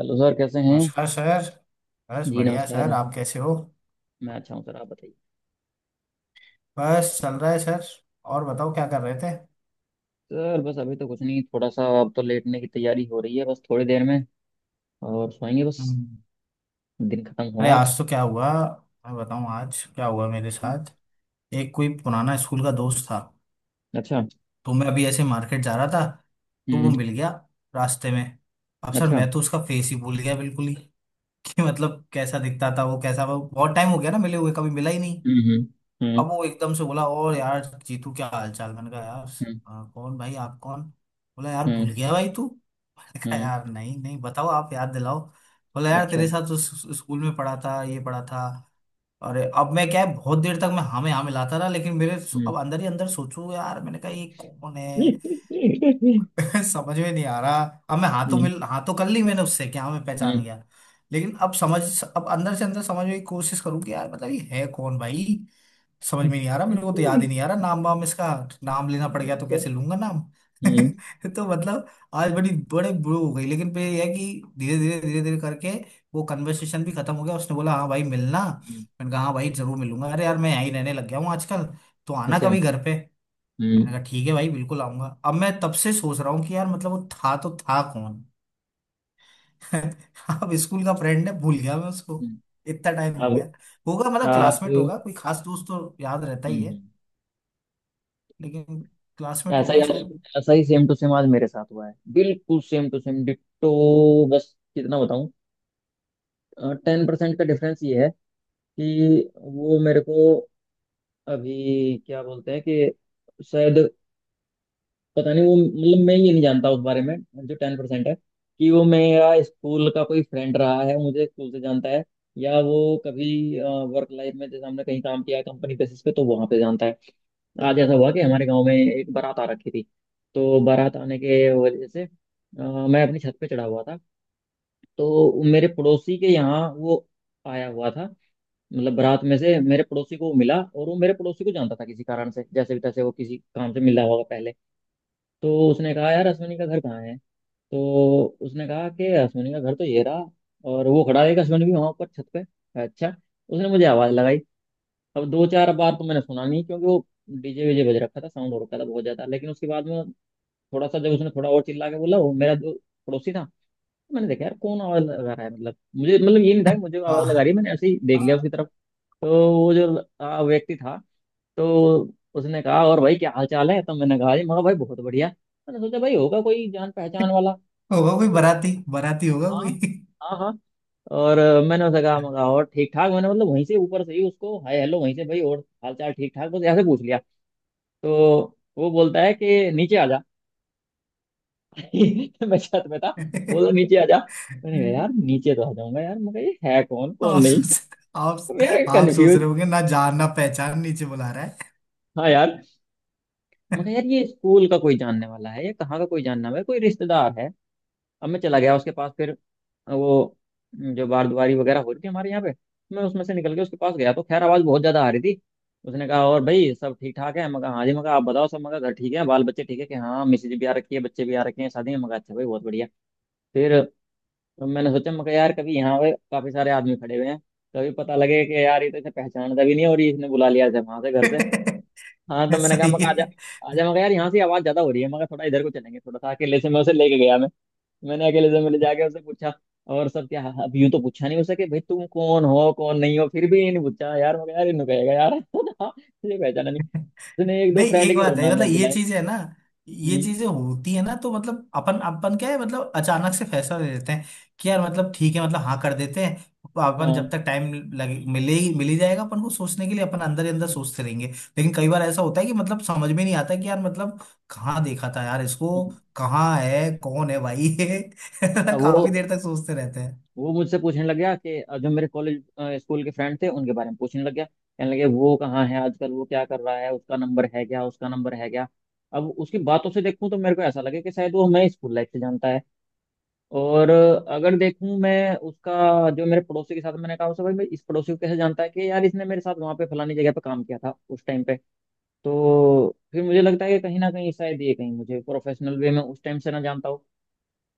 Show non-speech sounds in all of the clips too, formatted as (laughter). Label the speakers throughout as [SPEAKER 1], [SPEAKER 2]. [SPEAKER 1] Hello sir कैसे हैं।
[SPEAKER 2] नमस्कार सर। बस
[SPEAKER 1] जी
[SPEAKER 2] बढ़िया
[SPEAKER 1] नमस्कार।
[SPEAKER 2] सर, आप कैसे हो।
[SPEAKER 1] मैं अच्छा हूँ सर आप बताइए।
[SPEAKER 2] बस चल रहा है सर। और बताओ क्या कर रहे थे।
[SPEAKER 1] सर बस अभी तो कुछ नहीं, थोड़ा सा अब तो लेटने की तैयारी हो रही है बस थोड़ी देर में, और सोएंगे बस।
[SPEAKER 2] हम्म।
[SPEAKER 1] दिन खत्म
[SPEAKER 2] अरे
[SPEAKER 1] हुआ आज।
[SPEAKER 2] आज तो क्या हुआ, मैं बताऊं आज क्या हुआ मेरे
[SPEAKER 1] हम्म,
[SPEAKER 2] साथ। एक कोई पुराना स्कूल का दोस्त था,
[SPEAKER 1] अच्छा।
[SPEAKER 2] तो मैं अभी ऐसे मार्केट जा रहा था, तो वो
[SPEAKER 1] हम्म।
[SPEAKER 2] मिल गया रास्ते में। अब सर
[SPEAKER 1] अच्छा।
[SPEAKER 2] मैं तो उसका फेस ही भूल गया बिल्कुल ही (laughs) कि मतलब कैसा दिखता था वो, कैसा वो, बहुत टाइम हो गया ना मिले हुए, कभी मिला ही नहीं।
[SPEAKER 1] हम्म। हम्म। हम्म।
[SPEAKER 2] अब वो एकदम से बोला और यार जीतू क्या हालचाल, मैंने कहा यार
[SPEAKER 1] हम्म।
[SPEAKER 2] "हाँ, कौन भाई, आप कौन। बोला यार भूल
[SPEAKER 1] हम्म।
[SPEAKER 2] गया भाई तू (laughs) मैंने कहा
[SPEAKER 1] हम्म,
[SPEAKER 2] यार नहीं नहीं बताओ, आप याद दिलाओ। बोला यार
[SPEAKER 1] अच्छा।
[SPEAKER 2] तेरे साथ तो स्कूल में पढ़ा था, ये पढ़ा था। और अब मैं क्या है, बहुत देर तक मैं हाँ में हाँ मिलाता रहा, लेकिन मेरे
[SPEAKER 1] हम्म।
[SPEAKER 2] अब अंदर ही अंदर सोचू यार, मैंने कहा ये कौन है।
[SPEAKER 1] हम्म।
[SPEAKER 2] (laughs) समझ में नहीं आ रहा। अब मैं हाथों मिल हाथों कर ली, मैंने उससे क्या मैं पहचान
[SPEAKER 1] हम्म,
[SPEAKER 2] गया। लेकिन अब समझ, अब अंदर से अंदर समझने की कोशिश करूँ कि यार मतलब ये है कौन भाई। समझ
[SPEAKER 1] हम्म,
[SPEAKER 2] में नहीं आ रहा, मेरे को तो याद ही नहीं आ रहा नाम वाम इसका। नाम लेना पड़ गया तो
[SPEAKER 1] अच्छा।
[SPEAKER 2] कैसे लूंगा नाम।
[SPEAKER 1] हम्म।
[SPEAKER 2] (laughs) तो मतलब आज बड़ी बड़े बुरे हो गई, लेकिन फिर यह है कि धीरे धीरे धीरे धीरे करके वो कन्वर्सेशन भी खत्म हो गया। उसने बोला हाँ भाई मिलना,
[SPEAKER 1] हम्म,
[SPEAKER 2] मैंने कहा हाँ भाई जरूर मिलूंगा। अरे यार मैं यहीं रहने लग गया हूँ आजकल, तो आना
[SPEAKER 1] अच्छा।
[SPEAKER 2] कभी घर पे।
[SPEAKER 1] हम्म।
[SPEAKER 2] मैंने कहा ठीक है भाई बिल्कुल आऊंगा। अब मैं तब से सोच रहा हूँ कि यार मतलब वो था तो था कौन। (laughs) अब स्कूल का फ्रेंड है, भूल गया मैं उसको,
[SPEAKER 1] हम्म,
[SPEAKER 2] इतना टाइम हो गया।
[SPEAKER 1] अब
[SPEAKER 2] होगा मतलब
[SPEAKER 1] आप
[SPEAKER 2] क्लासमेट
[SPEAKER 1] हम्म।
[SPEAKER 2] होगा, कोई खास दोस्त तो याद रहता ही है।
[SPEAKER 1] हम्म।
[SPEAKER 2] लेकिन क्लासमेट
[SPEAKER 1] ऐसा ही
[SPEAKER 2] होगा
[SPEAKER 1] आज,
[SPEAKER 2] शायद।
[SPEAKER 1] ऐसा ही सेम टू सेम आज मेरे साथ हुआ है बिल्कुल सेम टू सेम डिट्टो। बस कितना बताऊं। टेन परसेंट का डिफरेंस ये है कि वो मेरे को अभी क्या बोलते हैं कि शायद पता नहीं वो, मतलब मैं ये नहीं जानता उस बारे में। जो टेन परसेंट है कि वो मेरा स्कूल का कोई फ्रेंड रहा है, मुझे स्कूल से जानता है, या वो कभी वर्क लाइफ में जैसे हमने कहीं काम किया है कंपनी बेसिस पे तो वहां पे जानता है। आज ऐसा हुआ कि हमारे गांव में एक बारात आ रखी थी। तो बारात आने के वजह से मैं अपनी छत पे चढ़ा हुआ था। तो मेरे पड़ोसी के यहाँ वो आया हुआ था, मतलब बारात में से मेरे पड़ोसी को वो मिला, और वो मेरे पड़ोसी को जानता था किसी कारण से, जैसे भी तैसे वो किसी काम से मिला होगा पहले। तो उसने कहा यार अश्विनी का घर कहाँ है। तो उसने कहा कि अश्विनी का घर तो ये रहा, और वो खड़ा है एक अश्विनी भी वहाँ पर छत पे। अच्छा। उसने मुझे आवाज़ लगाई। अब दो चार बार तो मैंने सुना नहीं, क्योंकि वो डीजे वीजे बज रखा था, साउंड हो रखा था बहुत ज्यादा। लेकिन उसके बाद में थोड़ा सा जब उसने थोड़ा और चिल्ला के बोला, वो मेरा जो पड़ोसी था, मैंने देखा यार कौन आवाज लगा रहा है, मतलब मुझे, मतलब ये नहीं था कि
[SPEAKER 2] (laughs)
[SPEAKER 1] मुझे आवाज
[SPEAKER 2] हाँ,
[SPEAKER 1] लगा रही है, मैंने ऐसे ही देख लिया उसकी
[SPEAKER 2] हाँ,
[SPEAKER 1] तरफ। तो वो जो व्यक्ति था, तो उसने कहा और भाई क्या हाल चाल है, तो मैंने कहा जी मगर भाई बहुत बढ़िया। मैंने सोचा भाई होगा कोई जान पहचान वाला।
[SPEAKER 2] होगा कोई
[SPEAKER 1] तो
[SPEAKER 2] बाराती। बाराती होगा
[SPEAKER 1] हाँ,
[SPEAKER 2] कोई।
[SPEAKER 1] हाँ, हाँ। और मैंने उसे कहा मगा और ठीक ठाक, मैंने मतलब वहीं से ऊपर से ही उसको हाय हेलो वहीं से, भाई और हाल चाल ठीक ठाक, बस ऐसे पूछ लिया। तो वो बोलता है कि नीचे आ जा। (laughs) मैं छत में था। बोला नीचे
[SPEAKER 2] (laughs)
[SPEAKER 1] आ जा। मैंने कहा यार नीचे तो आ जाऊंगा यार, मगर ये है कौन कौन
[SPEAKER 2] आप
[SPEAKER 1] नहीं।
[SPEAKER 2] सोच,
[SPEAKER 1] तो
[SPEAKER 2] आप
[SPEAKER 1] मैं यार
[SPEAKER 2] आप सोच रहे
[SPEAKER 1] कंफ्यूज।
[SPEAKER 2] होंगे ना जान ना पहचान नीचे बुला रहा है।
[SPEAKER 1] हाँ यार। मगर यार ये स्कूल का कोई जानने वाला है या कहाँ का कोई जानने वाला है, कोई रिश्तेदार है। अब मैं चला गया उसके पास फिर। वो जो बारदुआरी वगैरह हो रही थी हमारे यहाँ पे, मैं उसमें से निकल के उसके पास गया, तो खैर आवाज बहुत ज्यादा आ रही थी। उसने कहा और भाई सब ठीक ठाक है, मगर हाँ जी, मगर आप बताओ सब, मगर घर ठीक है बाल बच्चे ठीक है कि हाँ मिसेज भी आ रखी है बच्चे भी आ रखे हैं शादी में, मगर अच्छा भाई बहुत बढ़िया। फिर तो मैंने सोचा, मैं कहा, यार कभी यहाँ पे काफी सारे आदमी खड़े हुए हैं, कभी पता लगे कि यार ये तो इसे पहचानता भी नहीं और ये इसने बुला लिया वहां से घर से। हाँ तो
[SPEAKER 2] (laughs)
[SPEAKER 1] मैंने कहा,
[SPEAKER 2] सही
[SPEAKER 1] मैं कहा, आजा,
[SPEAKER 2] है।
[SPEAKER 1] आजा, मैं कहा, यार यहाँ से आवाज ज्यादा हो रही है, मैं कहा, थोड़ा इधर को चलेंगे थोड़ा सा अकेले से, मैं उसे लेके गया मैं। मैंने अकेले से मिले जाके उससे पूछा, और सब क्या, अब यूं तो पूछा नहीं उसे कि भाई तुम कौन हो कौन नहीं हो, फिर भी ये नहीं पूछा यार, मैं कहा, यार इन्हों कहेगा यार। (laughs) ये पहचाना नहीं।
[SPEAKER 2] (laughs)
[SPEAKER 1] उसने एक दो
[SPEAKER 2] नहीं
[SPEAKER 1] फ्रेंड
[SPEAKER 2] एक
[SPEAKER 1] के और
[SPEAKER 2] बात है,
[SPEAKER 1] नाम
[SPEAKER 2] मतलब
[SPEAKER 1] याद
[SPEAKER 2] ये
[SPEAKER 1] दिलाए।
[SPEAKER 2] चीजें है ना, ये
[SPEAKER 1] हम्म।
[SPEAKER 2] चीजें होती है ना, तो मतलब अपन अपन क्या है, मतलब अचानक से फैसला ले लेते हैं कि यार मतलब ठीक है, मतलब हाँ कर देते हैं। तो
[SPEAKER 1] हाँ।
[SPEAKER 2] अपन जब
[SPEAKER 1] हम्म।
[SPEAKER 2] तक टाइम लगे, मिले ही, मिल ही जाएगा, अपन को सोचने के लिए अपन अंदर ही अंदर सोचते रहेंगे। लेकिन कई बार ऐसा होता है कि मतलब समझ में नहीं आता कि यार मतलब कहाँ देखा था यार इसको,
[SPEAKER 1] हम्म।
[SPEAKER 2] कहाँ है, कौन है भाई। (laughs)
[SPEAKER 1] अब
[SPEAKER 2] काफी देर तक सोचते रहते हैं।
[SPEAKER 1] वो मुझसे पूछने लग गया कि जो मेरे कॉलेज स्कूल के फ्रेंड थे उनके बारे में पूछने लग गया, कहने लगे वो कहाँ है आजकल, वो क्या कर रहा है, उसका नंबर है क्या, उसका नंबर है क्या। अब उसकी बातों से देखूं तो मेरे को ऐसा लगे कि शायद वो हमें स्कूल लाइफ से जानता है। और अगर देखूं मैं उसका जो मेरे पड़ोसी के साथ, मैंने कहा उसे भाई मैं इस पड़ोसी को कैसे जानता है कि यार इसने मेरे साथ वहां पे फलानी जगह पे काम किया था उस टाइम पे। तो फिर मुझे लगता है कि कहीं ना कहीं शायद ये कहीं मुझे प्रोफेशनल वे में उस टाइम से ना जानता हो।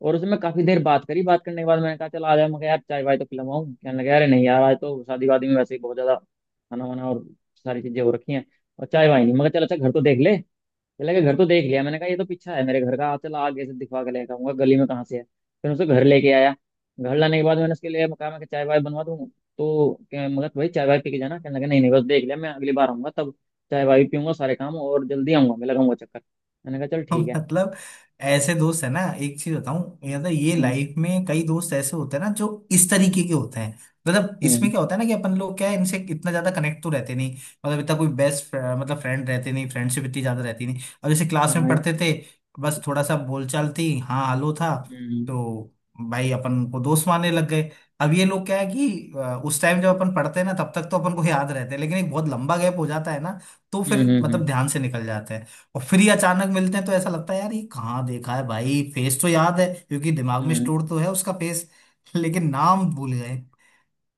[SPEAKER 1] और उसमें काफी देर बात करी, बात करने के बाद मैंने कहा चल आ जाए, मैं कहा यार चाय वाय तो पिलवाऊं, कहने लगा अरे नहीं यार आज तो शादी वादी में वैसे ही बहुत ज्यादा खाना वाना और सारी चीजें हो रखी हैं, और चाय वाय नहीं, मगर चल अच्छा घर तो देख ले। चला गया घर तो देख लिया, मैंने कहा ये तो पीछा है मेरे घर का, चल आगे से दिखवा के लेकर आऊंगा गली में कहाँ से है। फिर उसे घर लेके आया। घर लाने के बाद मैंने उसके लिए कहा मैं कि चाय वाय बनवा दूँ, तो मगर भाई चाय वाय पी के जाना, कहने लगा नहीं नहीं बस देख लिया मैं, अगली बार आऊंगा तब चाय वाय पीऊंगा सारे काम, और जल्दी आऊंगा मैं लगाऊंगा चक्कर। मैंने कहा चल
[SPEAKER 2] (laughs)
[SPEAKER 1] ठीक है।
[SPEAKER 2] मतलब ऐसे दोस्त है ना, एक चीज बताऊं, मतलब ये
[SPEAKER 1] हम्म।
[SPEAKER 2] लाइफ में कई दोस्त ऐसे होते हैं ना जो इस तरीके के होते हैं। मतलब इसमें
[SPEAKER 1] हम्म।
[SPEAKER 2] क्या होता है ना कि अपन लोग क्या है, इनसे इतना ज्यादा कनेक्ट तो रहते नहीं, मतलब इतना कोई बेस्ट मतलब फ्रेंड रहते नहीं, फ्रेंडशिप इतनी ज्यादा रहती नहीं, और जैसे क्लास में
[SPEAKER 1] हाँ यार।
[SPEAKER 2] पढ़ते थे बस थोड़ा सा बोलचाल थी, हाँ हेलो था,
[SPEAKER 1] हम्म।
[SPEAKER 2] तो भाई अपन को दोस्त मानने लग गए। अब ये लोग क्या है कि उस टाइम जब अपन पढ़ते हैं ना, तब तक तो अपन को याद रहते हैं, लेकिन एक बहुत लंबा गैप हो जाता है ना, तो
[SPEAKER 1] हम्म।
[SPEAKER 2] फिर
[SPEAKER 1] हम्म।
[SPEAKER 2] मतलब
[SPEAKER 1] हम्म।
[SPEAKER 2] ध्यान से निकल जाते हैं। और फिर ये अचानक मिलते हैं तो ऐसा लगता है यार ये कहाँ देखा है भाई, फेस तो याद है क्योंकि दिमाग में
[SPEAKER 1] हम्म।
[SPEAKER 2] स्टोर तो है उसका फेस (laughs) लेकिन नाम भूल गए।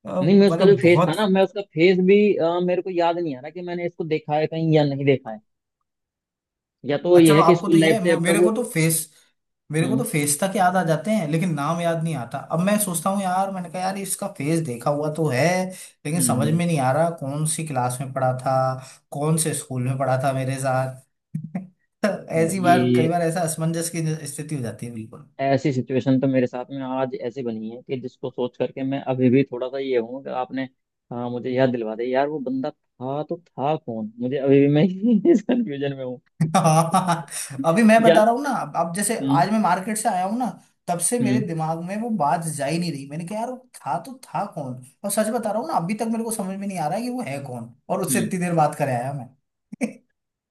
[SPEAKER 1] नहीं मैं उसका जो
[SPEAKER 2] मतलब
[SPEAKER 1] फेस था ना,
[SPEAKER 2] बहुत।
[SPEAKER 1] मैं उसका फेस भी मेरे को याद नहीं आ रहा कि मैंने इसको देखा है कहीं या नहीं देखा है। या तो
[SPEAKER 2] अच्छा
[SPEAKER 1] ये
[SPEAKER 2] चलो
[SPEAKER 1] है कि
[SPEAKER 2] आपको तो
[SPEAKER 1] स्कूल
[SPEAKER 2] ये
[SPEAKER 1] लाइफ
[SPEAKER 2] है,
[SPEAKER 1] से अब तक
[SPEAKER 2] मेरे को
[SPEAKER 1] वो
[SPEAKER 2] तो फेस, मेरे को तो
[SPEAKER 1] हम्म।
[SPEAKER 2] फेस तक याद आ जाते हैं, लेकिन नाम याद नहीं आता। अब मैं सोचता हूँ यार, मैंने कहा यार इसका फेस देखा हुआ तो है, लेकिन
[SPEAKER 1] हम्म।
[SPEAKER 2] समझ
[SPEAKER 1] हम्म।
[SPEAKER 2] में नहीं आ रहा कौन सी क्लास में पढ़ा था, कौन से स्कूल में पढ़ा था मेरे साथ। (laughs)
[SPEAKER 1] भाई
[SPEAKER 2] ऐसी बार
[SPEAKER 1] ये
[SPEAKER 2] कई बार ऐसा असमंजस की स्थिति हो जाती है बिल्कुल।
[SPEAKER 1] ऐसी सिचुएशन तो मेरे साथ में आज ऐसी बनी है कि जिसको सोच करके मैं अभी भी थोड़ा सा ये हूँ कि आपने, हाँ मुझे याद दिलवा दे यार वो बंदा था तो था कौन, मुझे अभी भी मैं (laughs) इस कंफ्यूजन में हूँ।
[SPEAKER 2] (laughs) हाँ, अभी मैं बता रहा
[SPEAKER 1] यार।
[SPEAKER 2] हूँ ना। अब जैसे
[SPEAKER 1] हम्म।
[SPEAKER 2] आज मैं मार्केट से आया हूँ ना, तब से मेरे
[SPEAKER 1] हम्म।
[SPEAKER 2] दिमाग में वो बात जा ही नहीं रही, मैंने कहा यार वो था तो था कौन। और सच बता रहा हूँ ना, अभी तक मेरे को समझ में नहीं आ रहा है कि वो है कौन, और उससे
[SPEAKER 1] हम्म।
[SPEAKER 2] इतनी देर बात करे आया मैं।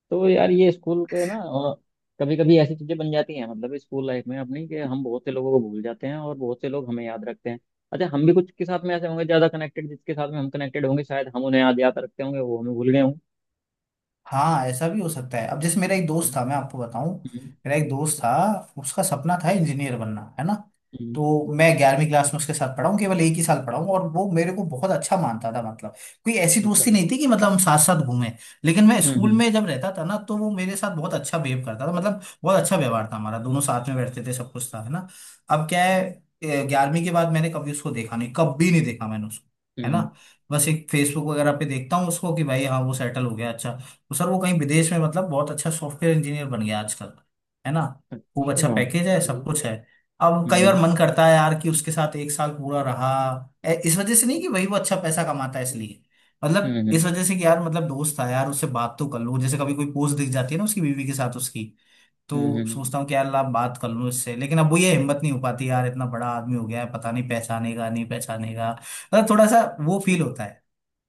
[SPEAKER 1] तो यार ये स्कूल के ना, कभी कभी ऐसी चीजें बन जाती हैं मतलब स्कूल लाइफ में अपनी, कि हम बहुत से लोगों को भूल जाते हैं और बहुत से लोग हमें याद रखते हैं। अच्छा हम भी कुछ के साथ में ऐसे होंगे, ज्यादा कनेक्टेड जिसके साथ में हम कनेक्टेड होंगे शायद, हम उन्हें याद याद रखते होंगे, वो हमें भूल गए होंगे।
[SPEAKER 2] हाँ, ऐसा भी हो सकता है। अब जैसे मेरा एक दोस्त था, मैं आपको बताऊं।
[SPEAKER 1] हम्म,
[SPEAKER 2] मेरा एक दोस्त था, उसका सपना था इंजीनियर बनना, है ना।
[SPEAKER 1] हम्म,
[SPEAKER 2] तो मैं ग्यारहवीं क्लास में उसके साथ पढ़ाऊँ, केवल एक ही साल पढ़ाऊँ, और वो मेरे को बहुत अच्छा मानता था। मतलब कोई ऐसी
[SPEAKER 1] अच्छा।
[SPEAKER 2] दोस्ती नहीं थी कि मतलब हम साथ साथ घूमें, लेकिन मैं
[SPEAKER 1] हम्म। हम्म।
[SPEAKER 2] स्कूल में जब रहता था ना, तो वो मेरे साथ बहुत अच्छा बिहेव करता था, मतलब बहुत अच्छा व्यवहार था हमारा, दोनों साथ में बैठते थे, सब कुछ था, है ना। अब क्या है, ग्यारहवीं के बाद मैंने कभी उसको देखा नहीं, कभी नहीं देखा मैंने उसको, है
[SPEAKER 1] हम्म,
[SPEAKER 2] ना। बस एक फेसबुक वगैरह पे देखता हूँ उसको कि भाई हाँ वो सेटल हो गया अच्छा। तो सर वो कहीं विदेश में मतलब बहुत अच्छा सॉफ्टवेयर इंजीनियर बन गया आजकल, है ना, खूब अच्छा
[SPEAKER 1] अच्छा।
[SPEAKER 2] पैकेज है,
[SPEAKER 1] हम्म।
[SPEAKER 2] सब कुछ है। अब कई बार
[SPEAKER 1] हम्म।
[SPEAKER 2] मन करता है यार कि उसके साथ एक साल पूरा रहा, इस वजह से नहीं कि वही वो अच्छा पैसा कमाता है इसलिए, मतलब
[SPEAKER 1] हम्म।
[SPEAKER 2] इस वजह से कि यार मतलब दोस्त था यार, उससे बात तो कर लूं। जैसे कभी कोई पोस्ट दिख जाती है ना उसकी, बीवी के साथ उसकी,
[SPEAKER 1] हम्म,
[SPEAKER 2] तो
[SPEAKER 1] हम्म।
[SPEAKER 2] सोचता हूँ कि यार ला बात कर लूं इससे, लेकिन अब वो ये हिम्मत नहीं हो पाती यार, इतना बड़ा आदमी हो गया है, पता नहीं पहचानेगा नहीं पहचानेगा, मतलब थोड़ा सा वो फील होता है।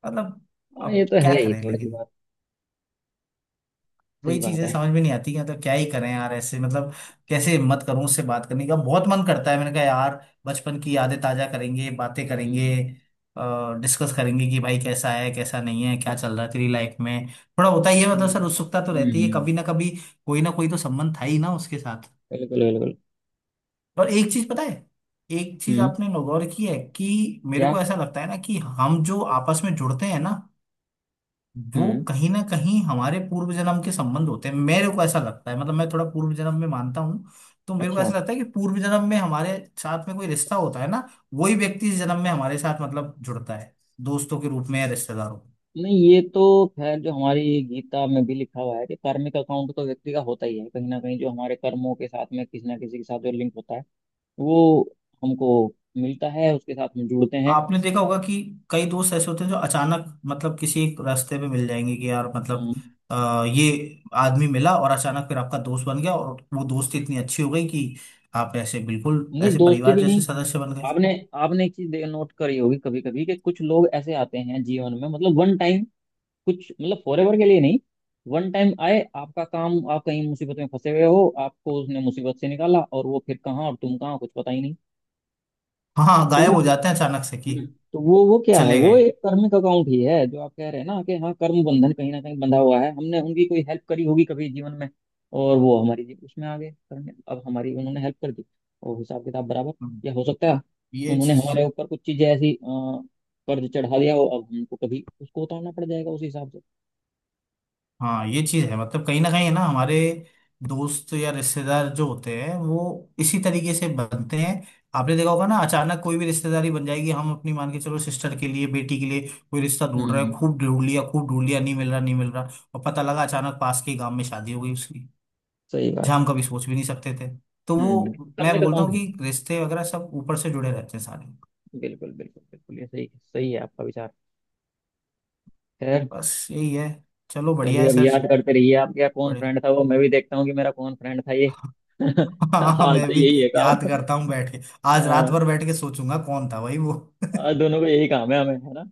[SPEAKER 2] मतलब
[SPEAKER 1] हाँ ये
[SPEAKER 2] अब
[SPEAKER 1] तो
[SPEAKER 2] क्या
[SPEAKER 1] है ही
[SPEAKER 2] करें,
[SPEAKER 1] थोड़ी सी
[SPEAKER 2] लेकिन
[SPEAKER 1] बात। सही
[SPEAKER 2] वही
[SPEAKER 1] बात
[SPEAKER 2] चीजें
[SPEAKER 1] है।
[SPEAKER 2] समझ में नहीं आती हैं, तो क्या ही करें यार ऐसे, मतलब कैसे हिम्मत करूं, उससे बात करने का बहुत मन करता है। मैंने कहा यार बचपन की यादें ताजा करेंगे, बातें करेंगे,
[SPEAKER 1] हम्म।
[SPEAKER 2] डिस्कस करेंगे कि भाई कैसा है कैसा नहीं है, क्या चल रहा है तेरी लाइफ में। थोड़ा होता ही है,
[SPEAKER 1] हम्म।
[SPEAKER 2] मतलब सर उत्सुकता तो रहती है
[SPEAKER 1] हम्म,
[SPEAKER 2] कभी ना कभी, कोई ना कोई तो संबंध था ही ना उसके साथ।
[SPEAKER 1] बिल्कुल बिल्कुल।
[SPEAKER 2] और एक चीज पता है, एक चीज
[SPEAKER 1] हम्म।
[SPEAKER 2] आपने नौगौर की है कि मेरे
[SPEAKER 1] क्या।
[SPEAKER 2] को ऐसा लगता है ना कि हम जो आपस में जुड़ते हैं ना, वो
[SPEAKER 1] हम्म।
[SPEAKER 2] कहीं ना कहीं हमारे पूर्व जन्म के संबंध होते हैं। मेरे को ऐसा लगता है, मतलब मैं थोड़ा पूर्व जन्म में मानता हूँ। तो मेरे को
[SPEAKER 1] अच्छा।
[SPEAKER 2] ऐसा लगता है कि पूर्व जन्म में हमारे साथ में कोई रिश्ता होता है ना, वही व्यक्ति इस जन्म में हमारे साथ मतलब जुड़ता है, दोस्तों के रूप में या रिश्तेदारों में।
[SPEAKER 1] नहीं ये तो खैर जो हमारी गीता में भी लिखा हुआ है कि कार्मिक अकाउंट तो व्यक्ति का होता ही है कहीं ना कहीं, जो हमारे कर्मों के साथ में किसी ना किसी के साथ जो लिंक होता है, वो हमको मिलता है, उसके साथ में जुड़ते हैं।
[SPEAKER 2] आपने देखा होगा कि कई दोस्त ऐसे होते हैं जो अचानक मतलब किसी एक रास्ते में मिल जाएंगे कि यार मतलब
[SPEAKER 1] हम्म,
[SPEAKER 2] ये आदमी मिला, और अचानक फिर आपका दोस्त बन गया, और वो दोस्ती इतनी अच्छी हो गई कि आप ऐसे बिल्कुल
[SPEAKER 1] नहीं
[SPEAKER 2] ऐसे
[SPEAKER 1] दोस्ती
[SPEAKER 2] परिवार
[SPEAKER 1] भी
[SPEAKER 2] जैसे
[SPEAKER 1] नहीं।
[SPEAKER 2] सदस्य बन गए।
[SPEAKER 1] आपने, आपने एक चीज नोट करी होगी कभी कभी, कि कुछ लोग ऐसे आते हैं जीवन में, मतलब वन टाइम, कुछ मतलब फॉर एवर के लिए नहीं, वन टाइम आए, आपका काम, आप कहीं मुसीबत में फंसे हुए हो आपको उसने मुसीबत से निकाला, और वो फिर कहाँ और तुम कहाँ कुछ पता ही नहीं।
[SPEAKER 2] हाँ, हाँ,
[SPEAKER 1] तो वो
[SPEAKER 2] गायब हो जाते हैं अचानक से कि
[SPEAKER 1] हम्म, तो वो क्या है,
[SPEAKER 2] चले
[SPEAKER 1] वो
[SPEAKER 2] गए।
[SPEAKER 1] एक कर्मिक अकाउंट ही है जो आप कह रहे हैं ना, कि हाँ कर्म बंधन कहीं ना कहीं बंधा हुआ है, हमने उनकी कोई हेल्प करी होगी कभी जीवन में, और वो हमारी उसमें आ गए करने, अब हमारी उन्होंने हेल्प कर दी, और हिसाब किताब बराबर।
[SPEAKER 2] हम्म,
[SPEAKER 1] या हो सकता है
[SPEAKER 2] ये
[SPEAKER 1] उन्होंने
[SPEAKER 2] चीज।
[SPEAKER 1] हमारे ऊपर कुछ चीजें ऐसी कर्ज चढ़ा दिया हो, अब हमको कभी उसको उतारना पड़ जाएगा उस हिसाब से।
[SPEAKER 2] हाँ, ये चीज है मतलब कहीं ना कहीं है ना, हमारे दोस्त या रिश्तेदार जो होते हैं वो इसी तरीके से बनते हैं। आपने देखा होगा ना, अचानक कोई भी रिश्तेदारी बन जाएगी, हम अपनी मान के चलो सिस्टर के लिए, बेटी के लिए कोई रिश्ता ढूंढ रहे हैं,
[SPEAKER 1] हम्म,
[SPEAKER 2] खूब ढूंढ लिया खूब ढूंढ लिया, नहीं मिल रहा नहीं मिल रहा, और पता लगा अचानक पास के गांव में शादी हो गई उसकी,
[SPEAKER 1] सही बात
[SPEAKER 2] जहाँ हम
[SPEAKER 1] है।
[SPEAKER 2] कभी सोच भी नहीं सकते थे। तो
[SPEAKER 1] हम्म।
[SPEAKER 2] वो मैं
[SPEAKER 1] कर्मिक
[SPEAKER 2] बोलता
[SPEAKER 1] अकाउंट
[SPEAKER 2] हूँ
[SPEAKER 1] है,
[SPEAKER 2] कि रिश्ते वगैरह सब ऊपर से जुड़े रहते हैं सारे।
[SPEAKER 1] बिल्कुल बिल्कुल बिल्कुल ये सही, सही है आपका विचार। खैर,
[SPEAKER 2] बस यही है, चलो बढ़िया
[SPEAKER 1] चलिए
[SPEAKER 2] है
[SPEAKER 1] अब
[SPEAKER 2] सर।
[SPEAKER 1] याद करते रहिए आपका कौन
[SPEAKER 2] बड़े
[SPEAKER 1] फ्रेंड था, वो मैं भी देखता हूँ कि मेरा कौन फ्रेंड था ये। (laughs)
[SPEAKER 2] (laughs) हाँ
[SPEAKER 1] आज
[SPEAKER 2] मैं
[SPEAKER 1] तो
[SPEAKER 2] भी
[SPEAKER 1] यही है
[SPEAKER 2] याद
[SPEAKER 1] काम।
[SPEAKER 2] करता हूँ बैठ के, आज रात भर
[SPEAKER 1] हाँ।
[SPEAKER 2] बैठ के सोचूंगा कौन था भाई वो। (laughs)
[SPEAKER 1] आज दोनों को यही काम है हमें है ना।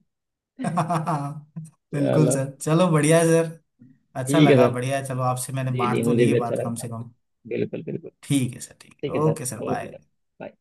[SPEAKER 2] बिल्कुल
[SPEAKER 1] चलो
[SPEAKER 2] सर, चलो बढ़िया है सर। अच्छा
[SPEAKER 1] ठीक है
[SPEAKER 2] लगा,
[SPEAKER 1] सर।
[SPEAKER 2] बढ़िया है, चलो आपसे मैंने
[SPEAKER 1] जी जी
[SPEAKER 2] बांट तो
[SPEAKER 1] मुझे
[SPEAKER 2] ली ये
[SPEAKER 1] भी अच्छा
[SPEAKER 2] बात
[SPEAKER 1] लगा
[SPEAKER 2] कम से
[SPEAKER 1] बात करके।
[SPEAKER 2] कम।
[SPEAKER 1] बिल्कुल बिल्कुल।
[SPEAKER 2] ठीक है सर, ठीक है,
[SPEAKER 1] ठीक है sir.
[SPEAKER 2] Okay sir,
[SPEAKER 1] okay sir
[SPEAKER 2] bye.
[SPEAKER 1] Bye.